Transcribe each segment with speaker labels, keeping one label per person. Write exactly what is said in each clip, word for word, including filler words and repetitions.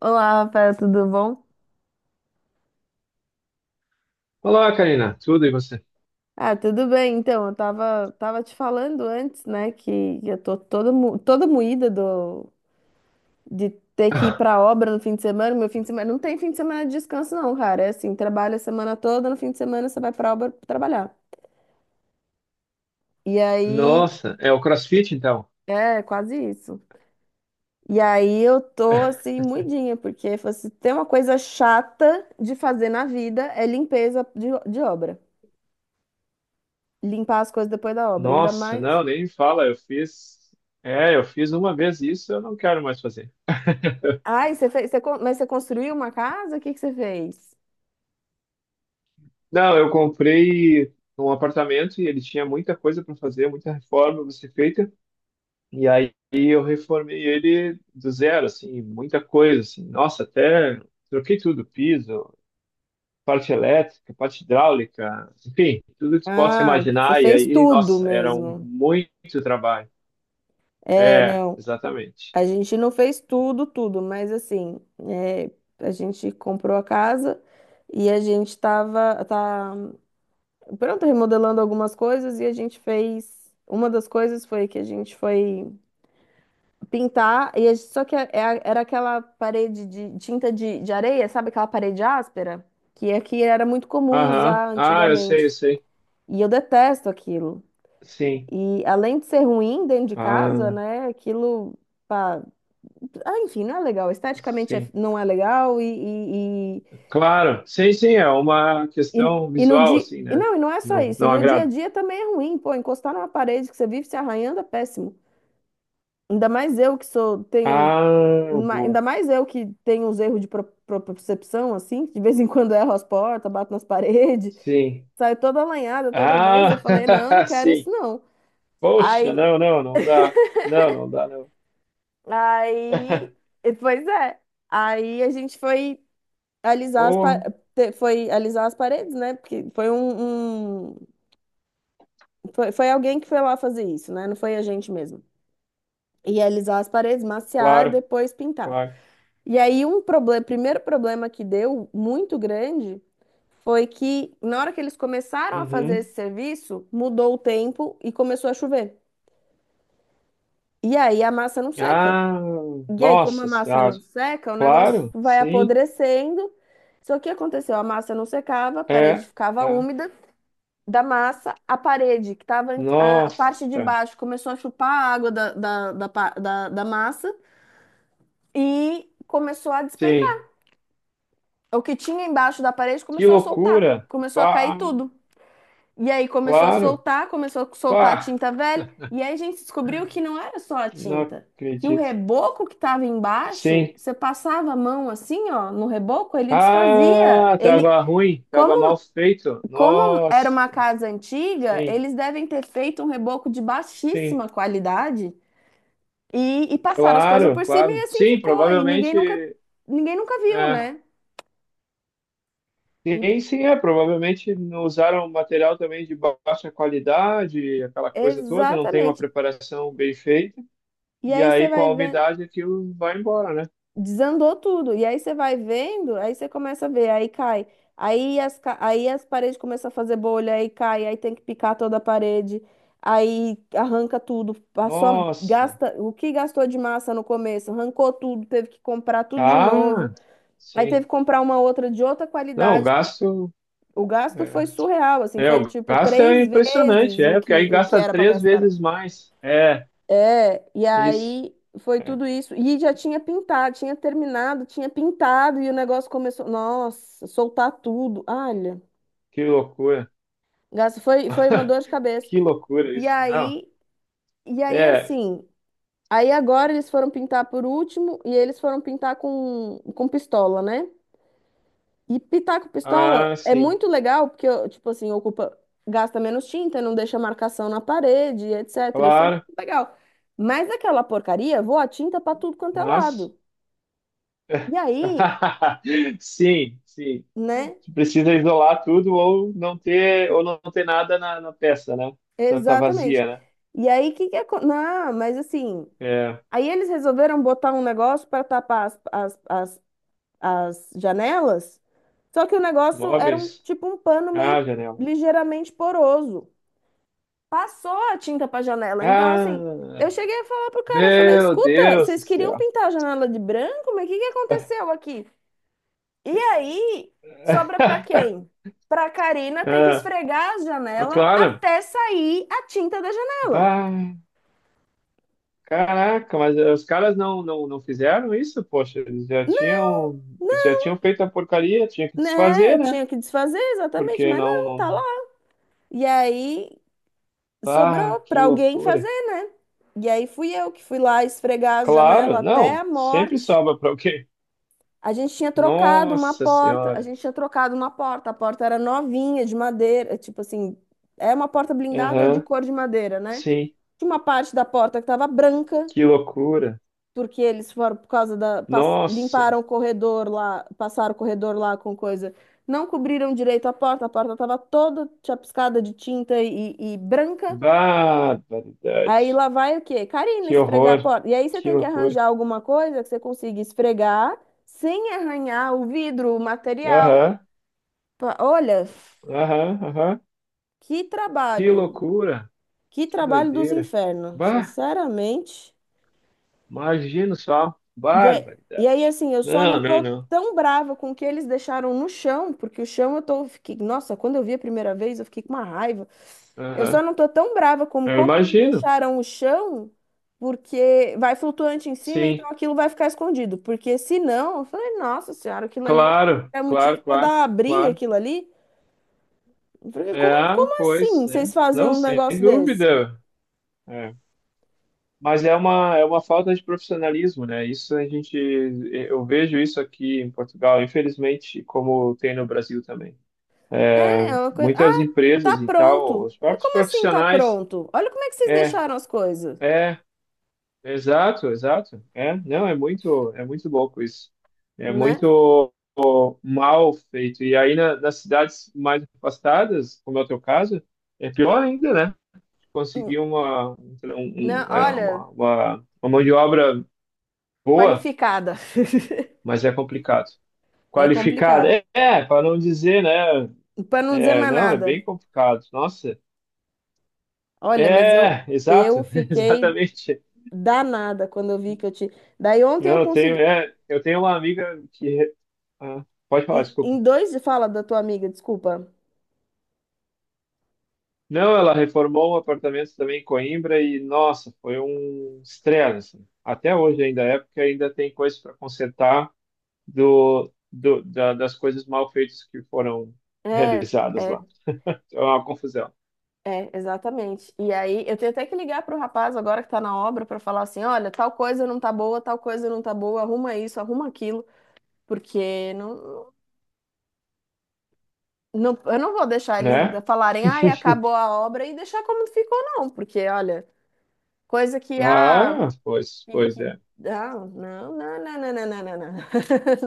Speaker 1: Olá, Rafael, tudo bom?
Speaker 2: Olá, Karina. Tudo e você?
Speaker 1: Ah, tudo bem. Então, eu tava, tava te falando antes, né, que eu tô toda, mo- toda moída do, de ter que ir pra obra no fim de semana. Meu fim de semana não tem fim de semana de descanso, não, cara. É assim, trabalha a semana toda, no fim de semana você vai pra obra trabalhar. E aí,
Speaker 2: Nossa, é o CrossFit então?
Speaker 1: é quase isso. E aí eu tô assim, moidinha, porque se tem uma coisa chata de fazer na vida é limpeza de, de obra. Limpar as coisas depois da obra, ainda
Speaker 2: Nossa,
Speaker 1: mais.
Speaker 2: não, nem me fala. Eu fiz, é, eu fiz uma vez isso, eu não quero mais fazer.
Speaker 1: Ai, você fez, você con- mas você construiu uma casa? O que que você fez?
Speaker 2: Não, eu comprei um apartamento e ele tinha muita coisa para fazer, muita reforma para ser feita. E aí eu reformei ele do zero, assim, muita coisa, assim. Nossa, até troquei tudo, piso, parte elétrica, parte hidráulica, enfim, tudo que você possa
Speaker 1: Ah, você
Speaker 2: imaginar. E
Speaker 1: fez
Speaker 2: aí,
Speaker 1: tudo
Speaker 2: nossa, era um
Speaker 1: mesmo.
Speaker 2: muito trabalho.
Speaker 1: É,
Speaker 2: É,
Speaker 1: não.
Speaker 2: exatamente.
Speaker 1: A gente não fez tudo, tudo, mas assim, é, a gente comprou a casa e a gente tava, tá, pronto, remodelando algumas coisas e a gente fez. Uma das coisas foi que a gente foi pintar, e a gente- só que é- é- era aquela parede de tinta de, de areia, sabe aquela parede áspera? Que aqui era muito comum
Speaker 2: Aham.
Speaker 1: usar
Speaker 2: Ah, eu
Speaker 1: antigamente.
Speaker 2: sei, eu sei.
Speaker 1: E eu detesto aquilo.
Speaker 2: Sim.
Speaker 1: E além de ser ruim dentro de casa,
Speaker 2: Ah,
Speaker 1: né? Aquilo, pá, ah, enfim, não é legal. Esteticamente é-
Speaker 2: sim.
Speaker 1: não é legal e, e,
Speaker 2: Claro. Sim, sim, é uma
Speaker 1: e, e-
Speaker 2: questão
Speaker 1: e no
Speaker 2: visual,
Speaker 1: dia.
Speaker 2: assim,
Speaker 1: E
Speaker 2: né?
Speaker 1: não, e não é só
Speaker 2: Não,
Speaker 1: isso. E
Speaker 2: não
Speaker 1: no dia a
Speaker 2: agrada.
Speaker 1: dia também é ruim, pô. Encostar numa parede que você vive se arranhando é péssimo. Ainda mais eu que sou, tenho.
Speaker 2: Ah,
Speaker 1: ma-
Speaker 2: boa.
Speaker 1: Ainda mais eu que tenho uns erros de pro- propriocepção, assim, que de vez em quando erro as portas, bato nas paredes,
Speaker 2: Sim.
Speaker 1: saio toda alanhada toda vez. Eu falei, não, eu não
Speaker 2: Ah,
Speaker 1: quero isso,
Speaker 2: sim.
Speaker 1: não.
Speaker 2: Poxa,
Speaker 1: Aí
Speaker 2: não, não, não dá. Não, não dá, não.
Speaker 1: Aí, e- Pois é. Aí a gente foi alisar as pa-
Speaker 2: Porra,
Speaker 1: te- foi alisar as paredes, né? Porque foi um, um- foi, foi alguém que foi lá fazer isso, né? Não foi a gente mesmo. E alisar as paredes, maciar, e
Speaker 2: claro,
Speaker 1: depois pintar.
Speaker 2: claro.
Speaker 1: E aí um problema, primeiro problema que deu muito grande foi que na hora que eles começaram a fazer
Speaker 2: Uhum.
Speaker 1: esse serviço, mudou o tempo e começou a chover. E aí a massa não seca.
Speaker 2: Ah,
Speaker 1: E aí, como a
Speaker 2: nossa
Speaker 1: massa
Speaker 2: senhora.
Speaker 1: não seca, o negócio
Speaker 2: Claro,
Speaker 1: vai
Speaker 2: sim.
Speaker 1: apodrecendo. Só que aconteceu? A massa não secava, a parede
Speaker 2: É,
Speaker 1: ficava
Speaker 2: é.
Speaker 1: úmida. Da massa, a parede, que estava a a parte de
Speaker 2: Nossa.
Speaker 1: baixo, começou a chupar a água da, da, da, pa- da, da massa e começou a despencar.
Speaker 2: Sim.
Speaker 1: O que tinha embaixo da parede
Speaker 2: Que
Speaker 1: começou a soltar,
Speaker 2: loucura!
Speaker 1: começou a
Speaker 2: Pá,
Speaker 1: cair tudo. E aí começou a
Speaker 2: claro.
Speaker 1: soltar, começou a soltar a
Speaker 2: Pá,
Speaker 1: tinta velha, e aí a gente descobriu que não era só a
Speaker 2: não
Speaker 1: tinta, que o
Speaker 2: acredito.
Speaker 1: reboco que estava embaixo,
Speaker 2: Sim.
Speaker 1: você passava a mão assim, ó, no reboco, ele desfazia.
Speaker 2: Ah,
Speaker 1: Ele,
Speaker 2: tava ruim, tava
Speaker 1: como,
Speaker 2: mal feito.
Speaker 1: como era
Speaker 2: Nossa.
Speaker 1: uma casa antiga,
Speaker 2: Sim,
Speaker 1: eles devem ter feito um reboco de
Speaker 2: sim.
Speaker 1: baixíssima qualidade e, e passaram as coisas
Speaker 2: Claro,
Speaker 1: por cima e
Speaker 2: claro.
Speaker 1: assim
Speaker 2: Sim,
Speaker 1: ficou, e ninguém nunca,
Speaker 2: provavelmente.
Speaker 1: ninguém nunca viu,
Speaker 2: É.
Speaker 1: né? E-
Speaker 2: Sim, sim, é. Provavelmente não usaram material também de ba- baixa qualidade, aquela coisa toda, não tem uma
Speaker 1: Exatamente.
Speaker 2: preparação bem feita.
Speaker 1: E
Speaker 2: E
Speaker 1: aí você
Speaker 2: aí, com
Speaker 1: vai
Speaker 2: a
Speaker 1: vendo
Speaker 2: umidade, aquilo vai embora, né?
Speaker 1: Desandou tudo. E aí você vai vendo, aí você começa a ver, aí cai. Aí as, ca- aí as paredes começam a fazer bolha, aí cai, aí tem que picar toda a parede, aí arranca tudo, passou,
Speaker 2: Nossa.
Speaker 1: gasta o que gastou de massa no começo, arrancou tudo, teve que comprar tudo de novo,
Speaker 2: Ah,
Speaker 1: aí teve
Speaker 2: sim.
Speaker 1: que comprar uma outra de outra
Speaker 2: Não, o
Speaker 1: qualidade.
Speaker 2: gasto.
Speaker 1: O gasto foi
Speaker 2: É.
Speaker 1: surreal, assim,
Speaker 2: É,
Speaker 1: foi
Speaker 2: o
Speaker 1: tipo
Speaker 2: gasto é
Speaker 1: três
Speaker 2: impressionante,
Speaker 1: vezes o
Speaker 2: é, porque aí
Speaker 1: que, o que
Speaker 2: gasta
Speaker 1: era para
Speaker 2: três
Speaker 1: gastar.
Speaker 2: vezes mais. É,
Speaker 1: É, e
Speaker 2: isso.
Speaker 1: aí foi
Speaker 2: É.
Speaker 1: tudo isso. E já tinha pintado, tinha terminado, tinha pintado, e o negócio começou, nossa, soltar tudo. Olha,
Speaker 2: Que loucura.
Speaker 1: gasta- foi, foi uma dor de cabeça.
Speaker 2: Que loucura
Speaker 1: E
Speaker 2: isso. Não.
Speaker 1: aí, e aí
Speaker 2: É,
Speaker 1: assim, aí agora eles foram pintar por último, e eles foram pintar com, com pistola, né? E pintar com pistola
Speaker 2: ah,
Speaker 1: é
Speaker 2: sim,
Speaker 1: muito legal, porque, tipo assim, ocupa, gasta menos tinta, não deixa marcação na parede, etcétera. Isso é
Speaker 2: claro,
Speaker 1: muito legal. Mas aquela porcaria voa tinta pra tudo quanto é
Speaker 2: mas.
Speaker 1: lado. E aí,
Speaker 2: Sim, sim.
Speaker 1: né?
Speaker 2: Você precisa isolar tudo ou não ter ou não ter nada na, na peça, né? Tá, tá
Speaker 1: Exatamente.
Speaker 2: vazia, né?
Speaker 1: E aí, que que é... Não, mas assim,
Speaker 2: É,
Speaker 1: aí eles resolveram botar um negócio para tapar as, as, as, as janelas, só que o negócio era um
Speaker 2: móveis.
Speaker 1: tipo um pano meio
Speaker 2: Ah, janela.
Speaker 1: ligeiramente poroso. Passou a tinta para janela. Então, assim,
Speaker 2: Ah,
Speaker 1: eu cheguei a falar pro cara, eu falei,
Speaker 2: meu
Speaker 1: escuta,
Speaker 2: Deus do
Speaker 1: vocês queriam
Speaker 2: céu.
Speaker 1: pintar a janela de branco, mas o que que aconteceu aqui? E aí, sobra para quem? Para a Karina ter que
Speaker 2: É,
Speaker 1: esfregar a
Speaker 2: é
Speaker 1: janela
Speaker 2: claro.
Speaker 1: até sair a tinta da janela.
Speaker 2: Bah, caraca, mas eh, os caras não, não, não fizeram isso, poxa, eles já tinham, eles já tinham feito a porcaria, tinha que
Speaker 1: Né? Eu
Speaker 2: desfazer, né?
Speaker 1: tinha que desfazer exatamente,
Speaker 2: Porque
Speaker 1: mas
Speaker 2: não,
Speaker 1: não, tá
Speaker 2: não.
Speaker 1: lá. E aí sobrou
Speaker 2: Ah, que
Speaker 1: para alguém fazer,
Speaker 2: loucura.
Speaker 1: né? E aí fui eu que fui lá esfregar a janela
Speaker 2: Claro,
Speaker 1: até
Speaker 2: não,
Speaker 1: a
Speaker 2: sempre
Speaker 1: morte.
Speaker 2: sobra para alguém.
Speaker 1: A gente tinha trocado uma
Speaker 2: Nossa
Speaker 1: porta, a
Speaker 2: Senhora.
Speaker 1: gente tinha trocado uma porta, a porta era novinha, de madeira, tipo assim, é uma porta blindada de
Speaker 2: Aham,
Speaker 1: cor de madeira, né?
Speaker 2: sim,
Speaker 1: Tinha uma parte da porta que estava branca,
Speaker 2: que loucura.
Speaker 1: porque eles foram por causa da pas-
Speaker 2: Nossa,
Speaker 1: limparam o corredor lá, passaram o corredor lá com coisa. Não cobriram direito a porta, a porta estava toda chapiscada de tinta e, e branca.
Speaker 2: barbaridade.
Speaker 1: Aí lá vai o quê? Karina
Speaker 2: Que
Speaker 1: esfregar a
Speaker 2: horror,
Speaker 1: porta. E aí você
Speaker 2: que
Speaker 1: tem que
Speaker 2: loucura.
Speaker 1: arranjar alguma coisa que você consiga esfregar sem arranhar o vidro, o material.
Speaker 2: Aham,
Speaker 1: Pa- Olha,
Speaker 2: aham, aham,
Speaker 1: que
Speaker 2: que
Speaker 1: trabalho,
Speaker 2: loucura.
Speaker 1: que
Speaker 2: Que
Speaker 1: trabalho dos
Speaker 2: doideira.
Speaker 1: infernos,
Speaker 2: Bah,
Speaker 1: sinceramente.
Speaker 2: imagino só.
Speaker 1: E, é- e aí,
Speaker 2: Barbaridade.
Speaker 1: assim, eu só não
Speaker 2: Não, não,
Speaker 1: tô
Speaker 2: não.
Speaker 1: tão brava com o que eles deixaram no chão, porque o chão eu tô, fiquei, nossa, quando eu vi a primeira vez, eu fiquei com uma raiva. Eu só
Speaker 2: Aham.
Speaker 1: não tô tão brava como
Speaker 2: Eu
Speaker 1: como eles
Speaker 2: imagino.
Speaker 1: deixaram o chão, porque vai flutuante em cima,
Speaker 2: Sim.
Speaker 1: então aquilo vai ficar escondido. Porque se não, eu falei, nossa senhora, aquilo ali
Speaker 2: Claro,
Speaker 1: é motivo
Speaker 2: claro,
Speaker 1: pra dar
Speaker 2: claro,
Speaker 1: uma briga,
Speaker 2: claro.
Speaker 1: aquilo ali. Eu falei,
Speaker 2: É,
Speaker 1: como, como assim
Speaker 2: pois,
Speaker 1: vocês
Speaker 2: né?
Speaker 1: fazem
Speaker 2: Não,
Speaker 1: um
Speaker 2: sem
Speaker 1: negócio desse?
Speaker 2: dúvida. É. Mas é uma, é uma falta de profissionalismo, né? Isso a gente, é, eu vejo isso aqui em Portugal, infelizmente, como tem no Brasil também.
Speaker 1: É, é uma coisa.
Speaker 2: Muitas
Speaker 1: Ah, tá
Speaker 2: empresas e
Speaker 1: pronto.
Speaker 2: tal, os
Speaker 1: Eu falei,
Speaker 2: próprios
Speaker 1: como assim tá
Speaker 2: profissionais,
Speaker 1: pronto? Olha como é que vocês
Speaker 2: é,
Speaker 1: deixaram as coisas.
Speaker 2: é, Exato, exato. É, não, é muito, é muito louco isso. É
Speaker 1: Né?
Speaker 2: muito mal feito. E aí na- nas cidades mais afastadas, como é o teu caso, é pior ainda, né?
Speaker 1: Hum,
Speaker 2: Conseguir uma, um-
Speaker 1: não,
Speaker 2: um- é,
Speaker 1: olha,
Speaker 2: uma, uma, uma mão de obra boa,
Speaker 1: qualificada.
Speaker 2: mas é complicado.
Speaker 1: É
Speaker 2: Qualificada,
Speaker 1: complicado.
Speaker 2: é, é para não dizer, né?
Speaker 1: Para não dizer
Speaker 2: É,
Speaker 1: mais
Speaker 2: não, é bem
Speaker 1: nada.
Speaker 2: complicado. Nossa,
Speaker 1: Olha, mas eu,
Speaker 2: é, exato,
Speaker 1: eu fiquei
Speaker 2: exatamente.
Speaker 1: danada quando eu vi que eu te. Daí ontem eu
Speaker 2: Não, eu tenho,
Speaker 1: consegui.
Speaker 2: é, eu tenho uma amiga que ah, pode falar,
Speaker 1: Em,
Speaker 2: desculpa.
Speaker 1: em dois de fala da tua amiga, desculpa.
Speaker 2: Não, ela reformou um apartamento também em Coimbra e, nossa, foi um estresse. Assim. Até hoje ainda é, porque ainda tem coisas para consertar do, do- da- das coisas mal feitas que foram
Speaker 1: É,
Speaker 2: realizadas
Speaker 1: é,
Speaker 2: lá. É uma confusão,
Speaker 1: é, exatamente. E aí eu tenho até que ligar pro rapaz agora que tá na obra para falar assim: olha, tal coisa não tá boa, tal coisa não tá boa, arruma isso, arruma aquilo, porque não, não, eu não vou deixar eles
Speaker 2: né?
Speaker 1: falarem, ai, acabou a obra e deixar como ficou, não, porque olha. Coisa que, ah,
Speaker 2: Ah, pois,
Speaker 1: que,
Speaker 2: pois
Speaker 1: que-
Speaker 2: é.
Speaker 1: não, não, não, não, não, não, não, não, não.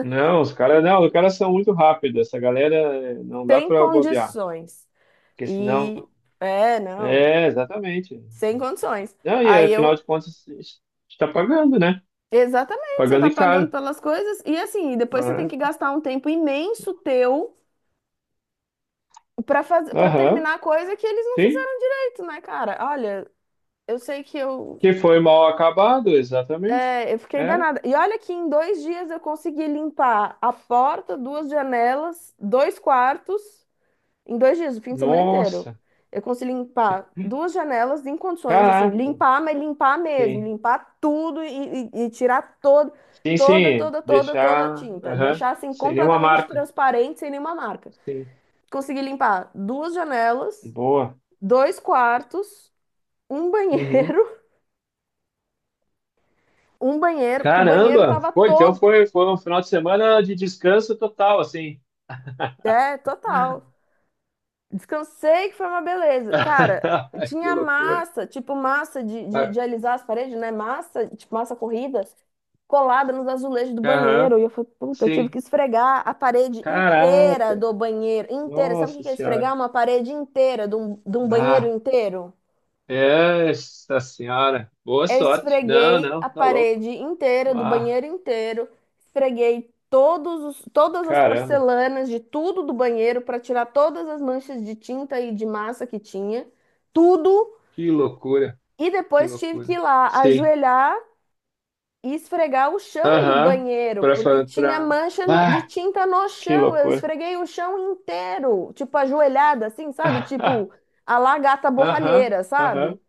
Speaker 2: Não, os caras não, os caras são muito rápidos. Essa galera eh, não dá
Speaker 1: Sem
Speaker 2: para bobear,
Speaker 1: condições.
Speaker 2: porque senão
Speaker 1: E, é, não,
Speaker 2: é exatamente.
Speaker 1: sem condições.
Speaker 2: Não, e
Speaker 1: Aí
Speaker 2: afinal
Speaker 1: eu,
Speaker 2: de contas está pagando, né?
Speaker 1: exatamente, você
Speaker 2: Pagando
Speaker 1: tá
Speaker 2: e
Speaker 1: pagando
Speaker 2: caro.
Speaker 1: pelas coisas e assim, e depois você tem que
Speaker 2: Né?
Speaker 1: gastar um tempo imenso teu pra fazer, para
Speaker 2: Aham,
Speaker 1: terminar a coisa que eles não
Speaker 2: sim.
Speaker 1: fizeram direito, né, cara? Olha, eu sei que eu,
Speaker 2: Que foi mal acabado, exatamente.
Speaker 1: é, eu fiquei
Speaker 2: É.
Speaker 1: danada. E olha que em dois dias eu consegui limpar a porta, duas janelas, dois quartos. Em dois dias, o fim de semana inteiro.
Speaker 2: Nossa,
Speaker 1: Eu consegui limpar duas janelas em condições, assim,
Speaker 2: caraca.
Speaker 1: limpar, mas limpar mesmo,
Speaker 2: Sim.
Speaker 1: limpar tudo e, e- e tirar todo,
Speaker 2: Sim,
Speaker 1: toda,
Speaker 2: sim.
Speaker 1: toda, toda, toda a
Speaker 2: Deixar,
Speaker 1: tinta.
Speaker 2: aham,
Speaker 1: Deixar assim
Speaker 2: sem nenhuma
Speaker 1: completamente
Speaker 2: marca.
Speaker 1: transparente, sem nenhuma marca.
Speaker 2: Sim.
Speaker 1: Consegui limpar duas janelas,
Speaker 2: Boa.
Speaker 1: dois quartos, um
Speaker 2: Uhum.
Speaker 1: banheiro, um banheiro, porque o banheiro
Speaker 2: Caramba!
Speaker 1: tava
Speaker 2: Pô, então
Speaker 1: todo,
Speaker 2: foi, foi um final de semana de descanso total, assim.
Speaker 1: é, total. Descansei, que foi uma beleza. Cara,
Speaker 2: Que
Speaker 1: tinha
Speaker 2: loucura.
Speaker 1: massa, tipo massa de, de,
Speaker 2: Mas-
Speaker 1: de alisar as paredes, né? Massa, tipo massa corrida, colada nos azulejos do banheiro.
Speaker 2: Aham,
Speaker 1: E eu falei, puta, eu tive
Speaker 2: sim.
Speaker 1: que esfregar a parede
Speaker 2: Caraca,
Speaker 1: inteira do banheiro, inteira. Sabe o que
Speaker 2: nossa
Speaker 1: que é
Speaker 2: senhora.
Speaker 1: esfregar? Uma parede inteira de um, de um banheiro
Speaker 2: Ah,
Speaker 1: inteiro.
Speaker 2: essa senhora. Boa
Speaker 1: Eu
Speaker 2: sorte. Não,
Speaker 1: esfreguei
Speaker 2: não,
Speaker 1: a
Speaker 2: tá louco.
Speaker 1: parede inteira, do
Speaker 2: Ah,
Speaker 1: banheiro inteiro, esfreguei todos os- todas as
Speaker 2: caramba,
Speaker 1: porcelanas de tudo do banheiro para tirar todas as manchas de tinta e de massa que tinha, tudo.
Speaker 2: que loucura,
Speaker 1: E
Speaker 2: que
Speaker 1: depois tive
Speaker 2: loucura.
Speaker 1: que ir lá
Speaker 2: Sim.
Speaker 1: ajoelhar e esfregar o chão do
Speaker 2: Aham.
Speaker 1: banheiro,
Speaker 2: Pra
Speaker 1: porque
Speaker 2: fazer
Speaker 1: tinha
Speaker 2: pra.
Speaker 1: mancha no- de
Speaker 2: Ah,
Speaker 1: tinta no
Speaker 2: que
Speaker 1: chão. Eu
Speaker 2: loucura.
Speaker 1: esfreguei o chão inteiro, tipo ajoelhada, assim, sabe? Tipo a lá gata
Speaker 2: Aham,
Speaker 1: borralheira,
Speaker 2: aham.
Speaker 1: sabe?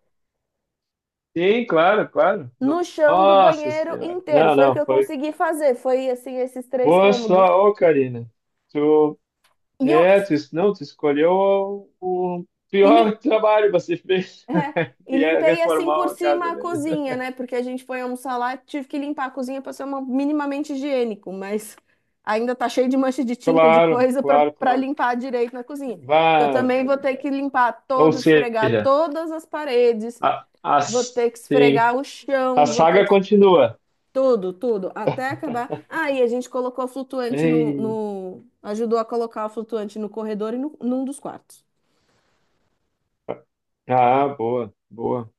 Speaker 2: Sim, claro, claro.
Speaker 1: No
Speaker 2: No-
Speaker 1: chão do
Speaker 2: Nossa
Speaker 1: banheiro
Speaker 2: Senhora.
Speaker 1: inteiro.
Speaker 2: Não,
Speaker 1: Foi o que
Speaker 2: não,
Speaker 1: eu
Speaker 2: foi.
Speaker 1: consegui fazer. Foi assim, esses três
Speaker 2: Boa
Speaker 1: cômodos.
Speaker 2: só, ô Karina. Tu,
Speaker 1: E eu
Speaker 2: é, tu, não, tu escolheu o, o
Speaker 1: e, lim-
Speaker 2: pior trabalho que você fez,
Speaker 1: É, e
Speaker 2: que é
Speaker 1: limpei assim
Speaker 2: reformar
Speaker 1: por
Speaker 2: uma
Speaker 1: cima
Speaker 2: casa
Speaker 1: a
Speaker 2: velha.
Speaker 1: cozinha, né? Porque a gente foi almoçar lá, tive que limpar a cozinha para ser uma- minimamente higiênico, mas ainda tá cheio de mancha de tinta, de
Speaker 2: Claro,
Speaker 1: coisa para
Speaker 2: claro,
Speaker 1: para
Speaker 2: claro.
Speaker 1: limpar direito na cozinha. Eu também vou ter
Speaker 2: Barbaridade.
Speaker 1: que limpar
Speaker 2: Ou
Speaker 1: todas, esfregar
Speaker 2: seja,
Speaker 1: todas as paredes,
Speaker 2: A, a,
Speaker 1: vou ter que
Speaker 2: sim.
Speaker 1: esfregar o
Speaker 2: A
Speaker 1: chão, vou ter
Speaker 2: saga
Speaker 1: que
Speaker 2: continua.
Speaker 1: tudo, tudo, até acabar. Ah, e a gente colocou flutuante no,
Speaker 2: Ei,
Speaker 1: no... ajudou a colocar o flutuante no corredor e no, num dos quartos.
Speaker 2: ah, boa, boa.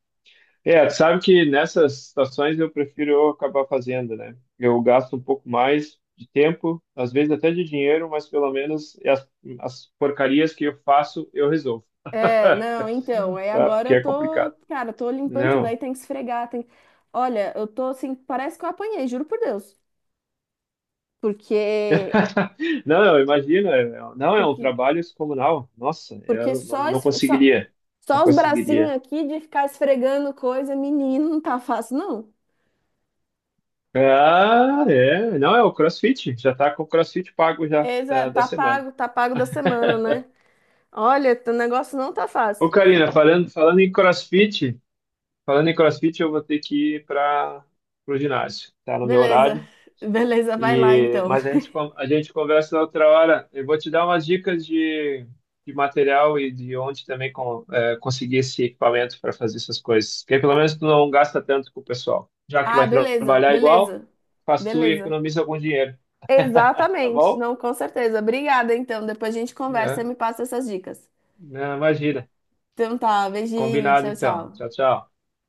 Speaker 2: É, tu sabe que nessas situações eu prefiro eu acabar fazendo, né? Eu gasto um pouco mais de tempo, às vezes até de dinheiro, mas pelo menos as, as porcarias que eu faço eu resolvo,
Speaker 1: É, não, então, aí
Speaker 2: tá?
Speaker 1: agora
Speaker 2: Porque
Speaker 1: eu
Speaker 2: é
Speaker 1: tô,
Speaker 2: complicado.
Speaker 1: cara, tô limpando tudo,
Speaker 2: Não,
Speaker 1: aí tem que esfregar, tem... Olha, eu tô assim, parece que eu apanhei, juro por Deus. Porque,
Speaker 2: não, não, imagina, é- não, é um
Speaker 1: porque,
Speaker 2: trabalho descomunal. Nossa,
Speaker 1: porque
Speaker 2: eu não,
Speaker 1: só,
Speaker 2: não
Speaker 1: es- só,
Speaker 2: conseguiria, não
Speaker 1: só os bracinhos
Speaker 2: conseguiria.
Speaker 1: aqui de ficar esfregando coisa, menino, não tá fácil, não.
Speaker 2: Ah, é. Não, é o CrossFit. Já tá com o CrossFit pago já
Speaker 1: Exa,
Speaker 2: da, da
Speaker 1: tá
Speaker 2: semana.
Speaker 1: pago, tá pago da semana, né? Olha, o negócio não tá fácil.
Speaker 2: Ô, Karina, falando, falando em CrossFit, falando em CrossFit, eu vou ter que ir para o ginásio. Tá no meu
Speaker 1: Beleza.
Speaker 2: horário.
Speaker 1: Beleza, vai lá
Speaker 2: E,
Speaker 1: então.
Speaker 2: mas a gente, con- a gente conversa na outra hora. Eu vou te dar umas dicas de, de material e de onde também con- é, conseguir esse equipamento para fazer essas coisas. Porque pelo menos tu não gasta tanto com o pessoal. Já que
Speaker 1: Ah,
Speaker 2: vai
Speaker 1: beleza,
Speaker 2: trabalhar igual,
Speaker 1: beleza.
Speaker 2: faz tu e
Speaker 1: Beleza.
Speaker 2: economiza algum dinheiro, tá
Speaker 1: Exatamente.
Speaker 2: bom?
Speaker 1: Não, com certeza. Obrigada, então. Depois a gente conversa e
Speaker 2: É,
Speaker 1: me passa essas dicas.
Speaker 2: não, imagina.
Speaker 1: Então tá, beijinho,
Speaker 2: Combinado
Speaker 1: tchau,
Speaker 2: então. Tchau,
Speaker 1: tchau.
Speaker 2: tchau.